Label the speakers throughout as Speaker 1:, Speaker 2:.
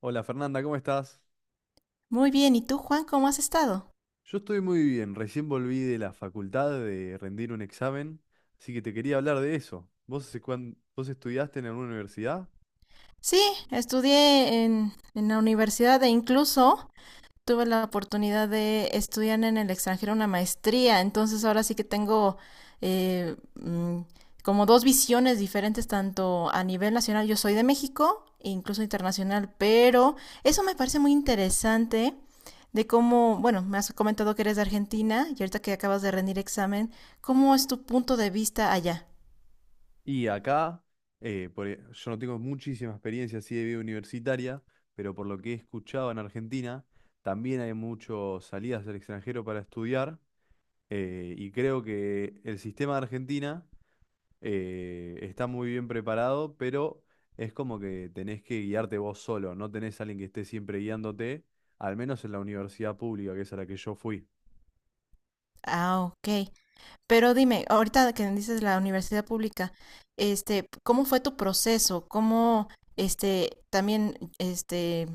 Speaker 1: Hola Fernanda, ¿cómo estás?
Speaker 2: Muy bien, ¿y tú, Juan, cómo has estado?
Speaker 1: Yo estoy muy bien, recién volví de la facultad de rendir un examen, así que te quería hablar de eso. ¿Vos, vos estudiaste en alguna universidad?
Speaker 2: Sí, estudié en la universidad e incluso tuve la oportunidad de estudiar en el extranjero una maestría, entonces ahora sí que tengo eh, mm, como dos visiones diferentes, tanto a nivel nacional, yo soy de México, e incluso internacional, pero eso me parece muy interesante de cómo, bueno, me has comentado que eres de Argentina y ahorita que acabas de rendir examen, ¿cómo es tu punto de vista allá?
Speaker 1: Y acá, yo no tengo muchísima experiencia así de vida universitaria, pero por lo que he escuchado en Argentina, también hay muchas salidas al extranjero para estudiar, y creo que el sistema de Argentina está muy bien preparado, pero es como que tenés que guiarte vos solo, no tenés a alguien que esté siempre guiándote, al menos en la universidad pública, que es a la que yo fui.
Speaker 2: Ah, ok. Pero dime, ahorita que dices la universidad pública, este, ¿cómo fue tu proceso? ¿Cómo, este, también, este,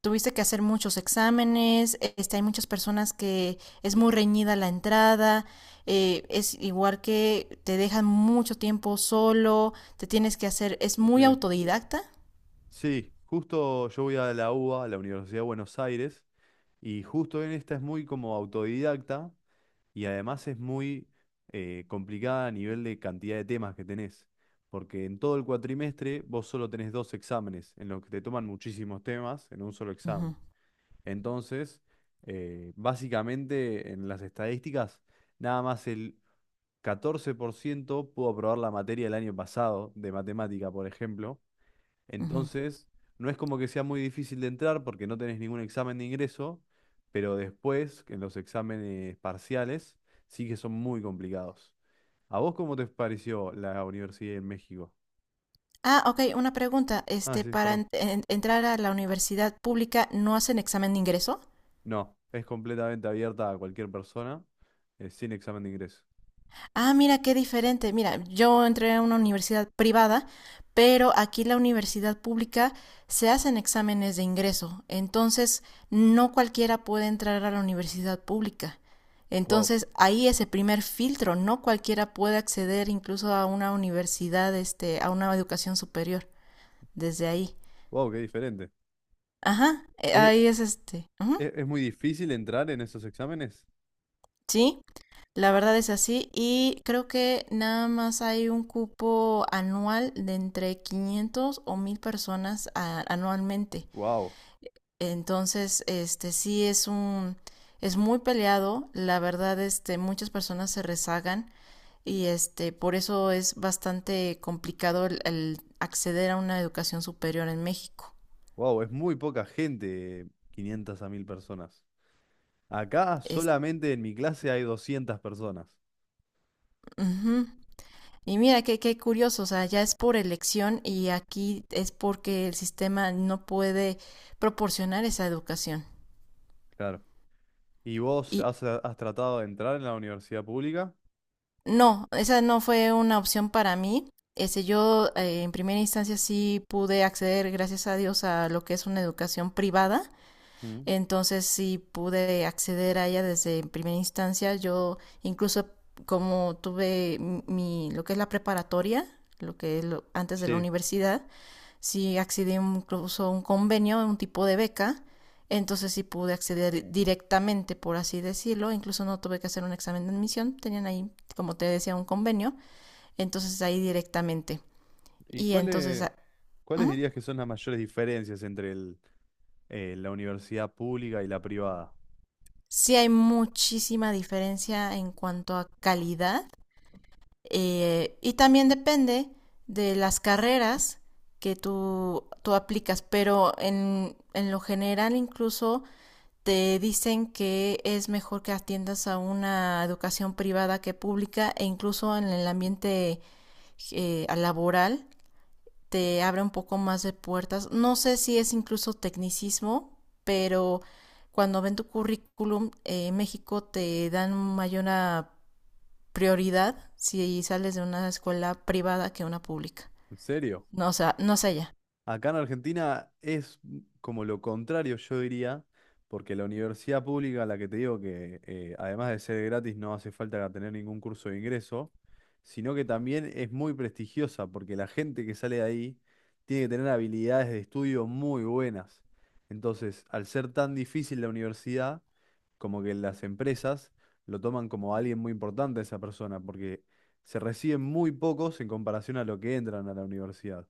Speaker 2: tuviste que hacer muchos exámenes, este, hay muchas personas que es muy reñida la entrada, es igual que te dejan mucho tiempo solo, te tienes que hacer, es muy
Speaker 1: Sí.
Speaker 2: autodidacta.
Speaker 1: Sí, justo yo voy a la UBA, a la Universidad de Buenos Aires, y justo en esta es muy como autodidacta y además es muy complicada a nivel de cantidad de temas que tenés, porque en todo el cuatrimestre vos solo tenés dos exámenes en los que te toman muchísimos temas en un solo examen.
Speaker 2: Ujú,
Speaker 1: Entonces, básicamente en las estadísticas, nada más el 14% pudo aprobar la materia el año pasado de matemática, por ejemplo.
Speaker 2: ujú.
Speaker 1: Entonces, no es como que sea muy difícil de entrar porque no tenés ningún examen de ingreso, pero después, en los exámenes parciales, sí que son muy complicados. ¿A vos cómo te pareció la universidad en México?
Speaker 2: Ah, okey, una pregunta,
Speaker 1: Ah,
Speaker 2: este,
Speaker 1: sí,
Speaker 2: para
Speaker 1: perdón.
Speaker 2: en entrar a la universidad pública, ¿no hacen examen de ingreso?
Speaker 1: No, es completamente abierta a cualquier persona, sin examen de ingreso.
Speaker 2: Ah, mira, qué diferente. Mira, yo entré a una universidad privada, pero aquí la universidad pública se hacen exámenes de ingreso. Entonces, no cualquiera puede entrar a la universidad pública.
Speaker 1: Wow.
Speaker 2: Entonces, ahí es el primer filtro, no cualquiera puede acceder incluso a una universidad, este, a una educación superior desde ahí.
Speaker 1: Wow, qué diferente.
Speaker 2: Ajá,
Speaker 1: ¿Es,
Speaker 2: ahí es, este ujú.
Speaker 1: es muy difícil entrar en esos exámenes?
Speaker 2: Sí, la verdad es así y creo que nada más hay un cupo anual de entre 500 o 1000 personas anualmente.
Speaker 1: Wow,
Speaker 2: Entonces, este sí es muy peleado, la verdad este muchas personas se rezagan y este por eso es bastante complicado el acceder a una educación superior en México.
Speaker 1: wow, es muy poca gente, 500 a 1000 personas. Acá
Speaker 2: Es,
Speaker 1: solamente en mi clase hay 200 personas.
Speaker 2: Ujú. Y mira, qué curioso, o sea, ya es por elección y aquí es porque el sistema no puede proporcionar esa educación.
Speaker 1: Claro. ¿Y vos
Speaker 2: Y
Speaker 1: has tratado de entrar en la universidad pública?
Speaker 2: no, esa no fue una opción para mí. Ese, yo en primera instancia sí pude acceder, gracias a Dios, a lo que es una educación privada.
Speaker 1: Mm.
Speaker 2: Entonces sí pude acceder a ella desde primera instancia. Yo incluso como tuve lo que es la preparatoria, lo que es antes de la
Speaker 1: Sí.
Speaker 2: universidad, sí accedí incluso a un convenio, un tipo de beca, entonces sí pude acceder directamente, por así decirlo, incluso no tuve que hacer un examen de admisión, tenían ahí, como te decía, un convenio, entonces ahí directamente.
Speaker 1: ¿Y
Speaker 2: Y entonces
Speaker 1: cuáles
Speaker 2: ¿Mm?
Speaker 1: dirías que son las mayores diferencias entre la universidad pública y la privada?
Speaker 2: Sí hay muchísima diferencia en cuanto a calidad y también depende de las carreras que tú aplicas, pero en lo general incluso te dicen que es mejor que atiendas a una educación privada que pública e incluso en el ambiente laboral te abre un poco más de puertas. No sé si es incluso tecnicismo, pero cuando ven tu currículum, en México te dan mayor prioridad si sales de una escuela privada que una pública.
Speaker 1: ¿En serio?
Speaker 2: No, o sea, no sé ya.
Speaker 1: Acá en Argentina es como lo contrario, yo diría, porque la universidad pública, la que te digo que además de ser gratis no hace falta tener ningún curso de ingreso, sino que también es muy prestigiosa, porque la gente que sale de ahí tiene que tener habilidades de estudio muy buenas. Entonces, al ser tan difícil la universidad, como que las empresas lo toman como alguien muy importante a esa persona, porque se reciben muy pocos en comparación a lo que entran a la universidad.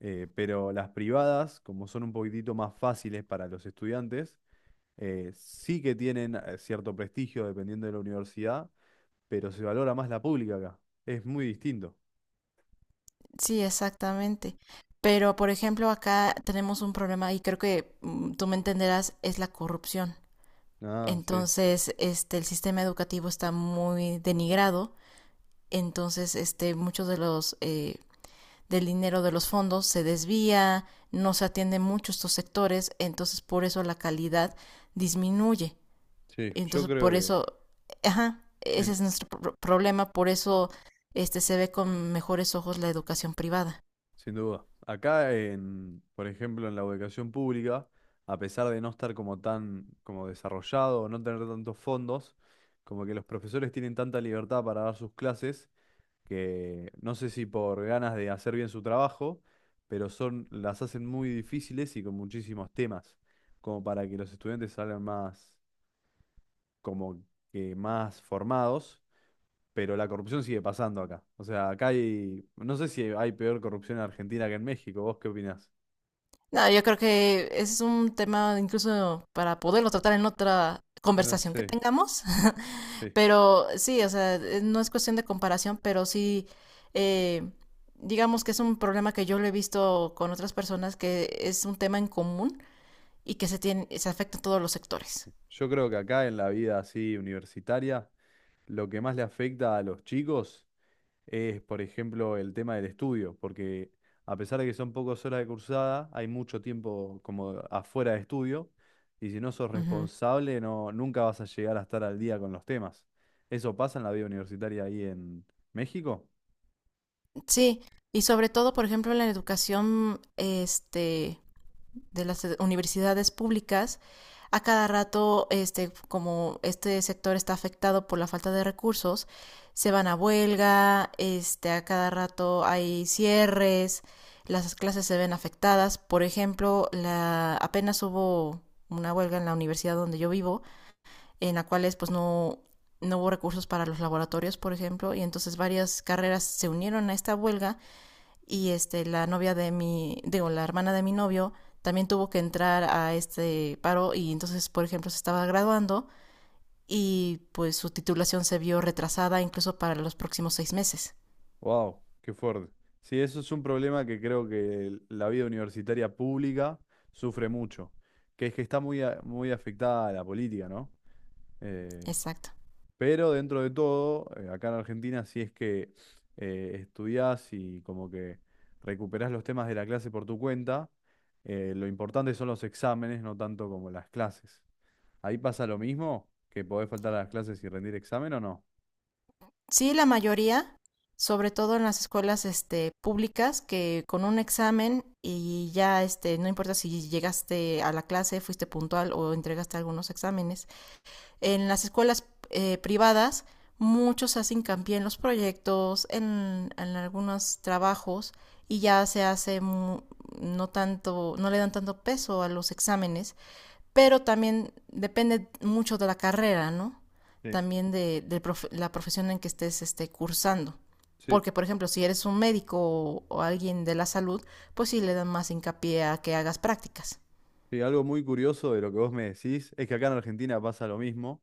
Speaker 1: Pero las privadas, como son un poquitito más fáciles para los estudiantes, sí que tienen cierto prestigio dependiendo de la universidad, pero se valora más la pública acá. Es muy distinto.
Speaker 2: Sí, exactamente. Pero, por ejemplo, acá tenemos un problema y creo que tú me entenderás, es la corrupción.
Speaker 1: Ah, sí,
Speaker 2: Entonces, este, el sistema educativo está muy denigrado. Entonces, este, muchos de los del dinero de los fondos se desvía, no se atienden mucho estos sectores. Entonces, por eso la calidad disminuye.
Speaker 1: sí, yo
Speaker 2: Entonces,
Speaker 1: creo
Speaker 2: por
Speaker 1: que,
Speaker 2: eso, ajá, ese
Speaker 1: en-
Speaker 2: es nuestro problema. Por eso, este, se ve con mejores ojos la educación privada.
Speaker 1: sin duda. Acá, por ejemplo, en la educación pública, a pesar de no estar como tan como desarrollado, no tener tantos fondos, como que los profesores tienen tanta libertad para dar sus clases que no sé si por ganas de hacer bien su trabajo, pero son, las hacen muy difíciles y con muchísimos temas, como para que los estudiantes salgan más, como que más formados, pero la corrupción sigue pasando acá. O sea, acá no sé si hay peor corrupción en Argentina que en México, ¿vos qué opinás?
Speaker 2: No, yo creo que ese es un tema incluso para poderlo tratar en otra
Speaker 1: No
Speaker 2: conversación que
Speaker 1: sé,
Speaker 2: tengamos,
Speaker 1: sí,
Speaker 2: pero sí, o sea, no es cuestión de comparación, pero sí, eh, digamos que es un problema que yo lo he visto con otras personas, que es un tema en común y que se afecta a todos los sectores.
Speaker 1: sí. Yo creo que acá en la vida así universitaria, lo que más le afecta a los chicos es, por ejemplo, el tema del estudio, porque a pesar de que son pocas horas de cursada, hay mucho tiempo como afuera de estudio, y si no sos
Speaker 2: Ujú.
Speaker 1: responsable, no, nunca vas a llegar a estar al día con los temas. ¿Eso pasa en la vida universitaria ahí en México?
Speaker 2: Sí, y sobre todo, por ejemplo, en la educación, este, de las universidades públicas, a cada rato, este, como este sector está afectado por la falta de recursos, se van a huelga, este, a cada rato hay cierres, las clases se ven afectadas. Por ejemplo, apenas hubo una huelga en la universidad donde yo vivo, en la cual pues no, no hubo recursos para los laboratorios, por ejemplo, y entonces varias carreras se unieron a esta huelga y este la novia de mi digo, la hermana de mi novio también tuvo que entrar a este paro y entonces por ejemplo se estaba graduando y pues su titulación se vio retrasada incluso para los próximos 6 meses.
Speaker 1: ¡Wow! ¡Qué fuerte! Sí, eso es un problema que creo que la vida universitaria pública sufre mucho, que es que está muy, muy afectada a la política, ¿no? Eh,
Speaker 2: Exacto.
Speaker 1: Pero dentro de todo, acá en Argentina, si es que estudiás y como que recuperás los temas de la clase por tu cuenta, lo importante son los exámenes, no tanto como las clases. Ahí pasa lo mismo, que podés faltar a las clases y rendir examen o no.
Speaker 2: Sí, la mayoría, sobre todo en las escuelas este públicas, que con un examen y ya este no importa si llegaste a la clase, fuiste puntual o entregaste algunos exámenes. En las escuelas privadas muchos hacen hincapié en los proyectos, en algunos trabajos y ya se hace no tanto, no le dan tanto peso a los exámenes, pero también depende mucho de la carrera, ¿no?
Speaker 1: Sí,
Speaker 2: También de la profesión en que estés este, cursando.
Speaker 1: sí.
Speaker 2: Porque, por ejemplo, si eres un médico o alguien de la salud, pues sí le dan más hincapié a que hagas prácticas.
Speaker 1: Sí, algo muy curioso de lo que vos me decís es que acá en Argentina pasa lo mismo.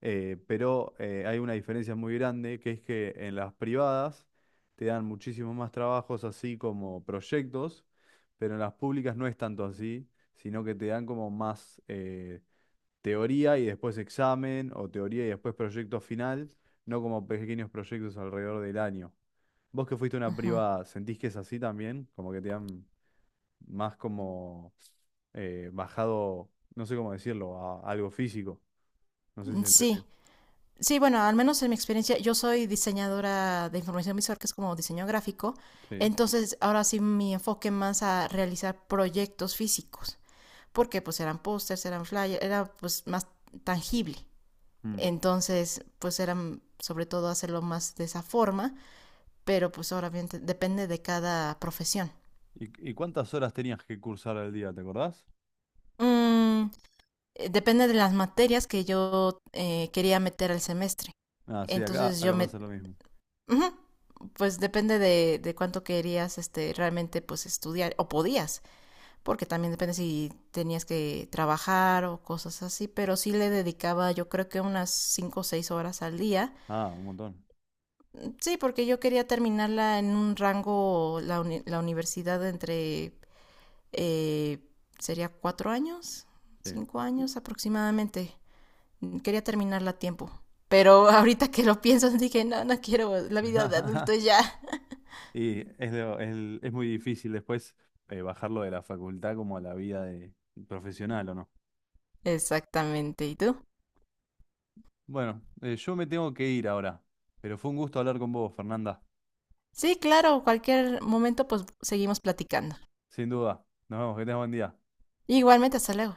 Speaker 1: Pero hay una diferencia muy grande, que es que en las privadas te dan muchísimos más trabajos así como proyectos, pero en las públicas no es tanto así, sino que te dan como más teoría y después examen, o teoría y después proyecto final, no como pequeños proyectos alrededor del año. Vos que fuiste a una
Speaker 2: Ujú.
Speaker 1: privada, ¿sentís que es así también? Como que te dan más como bajado, no sé cómo decirlo, a algo físico. No sé si
Speaker 2: Sí,
Speaker 1: entendí.
Speaker 2: sí, bueno, al menos en mi experiencia, yo soy diseñadora de información visual, que es como diseño gráfico.
Speaker 1: Sí.
Speaker 2: Entonces, ahora sí mi enfoque más a realizar proyectos físicos, porque pues eran pósters, eran flyers, era pues más tangible.
Speaker 1: Mm.
Speaker 2: Entonces, pues eran sobre todo hacerlo más de esa forma, pero pues ahora bien depende de cada profesión.
Speaker 1: ¿Y cuántas horas tenías que cursar al día, te acordás?
Speaker 2: Mm, Depende de las materias que yo quería meter al semestre.
Speaker 1: Ah, sí, acá,
Speaker 2: Entonces yo
Speaker 1: acá
Speaker 2: me
Speaker 1: pasa lo mismo.
Speaker 2: Ujú. Pues depende de cuánto querías este, realmente pues estudiar o podías, porque también depende si tenías que trabajar o cosas así, pero sí le dedicaba yo creo que unas 5 o 6 horas al día.
Speaker 1: Ah, un montón.
Speaker 2: Sí, porque yo quería terminarla en un rango, la universidad entre, eh, sería 4 años,
Speaker 1: Sí.
Speaker 2: 5 años aproximadamente. Quería terminarla a tiempo, pero ahorita que lo pienso dije, no, no quiero la vida de adulto ya.
Speaker 1: Y es muy difícil después bajarlo de la facultad como a la vida de profesional, ¿o no?
Speaker 2: Exactamente. ¿Y tú?
Speaker 1: Bueno, yo me tengo que ir ahora, pero fue un gusto hablar con vos, Fernanda.
Speaker 2: Sí, claro, cualquier momento pues seguimos platicando.
Speaker 1: Sin duda. Nos vemos, que tengas buen día.
Speaker 2: Igualmente, hasta luego.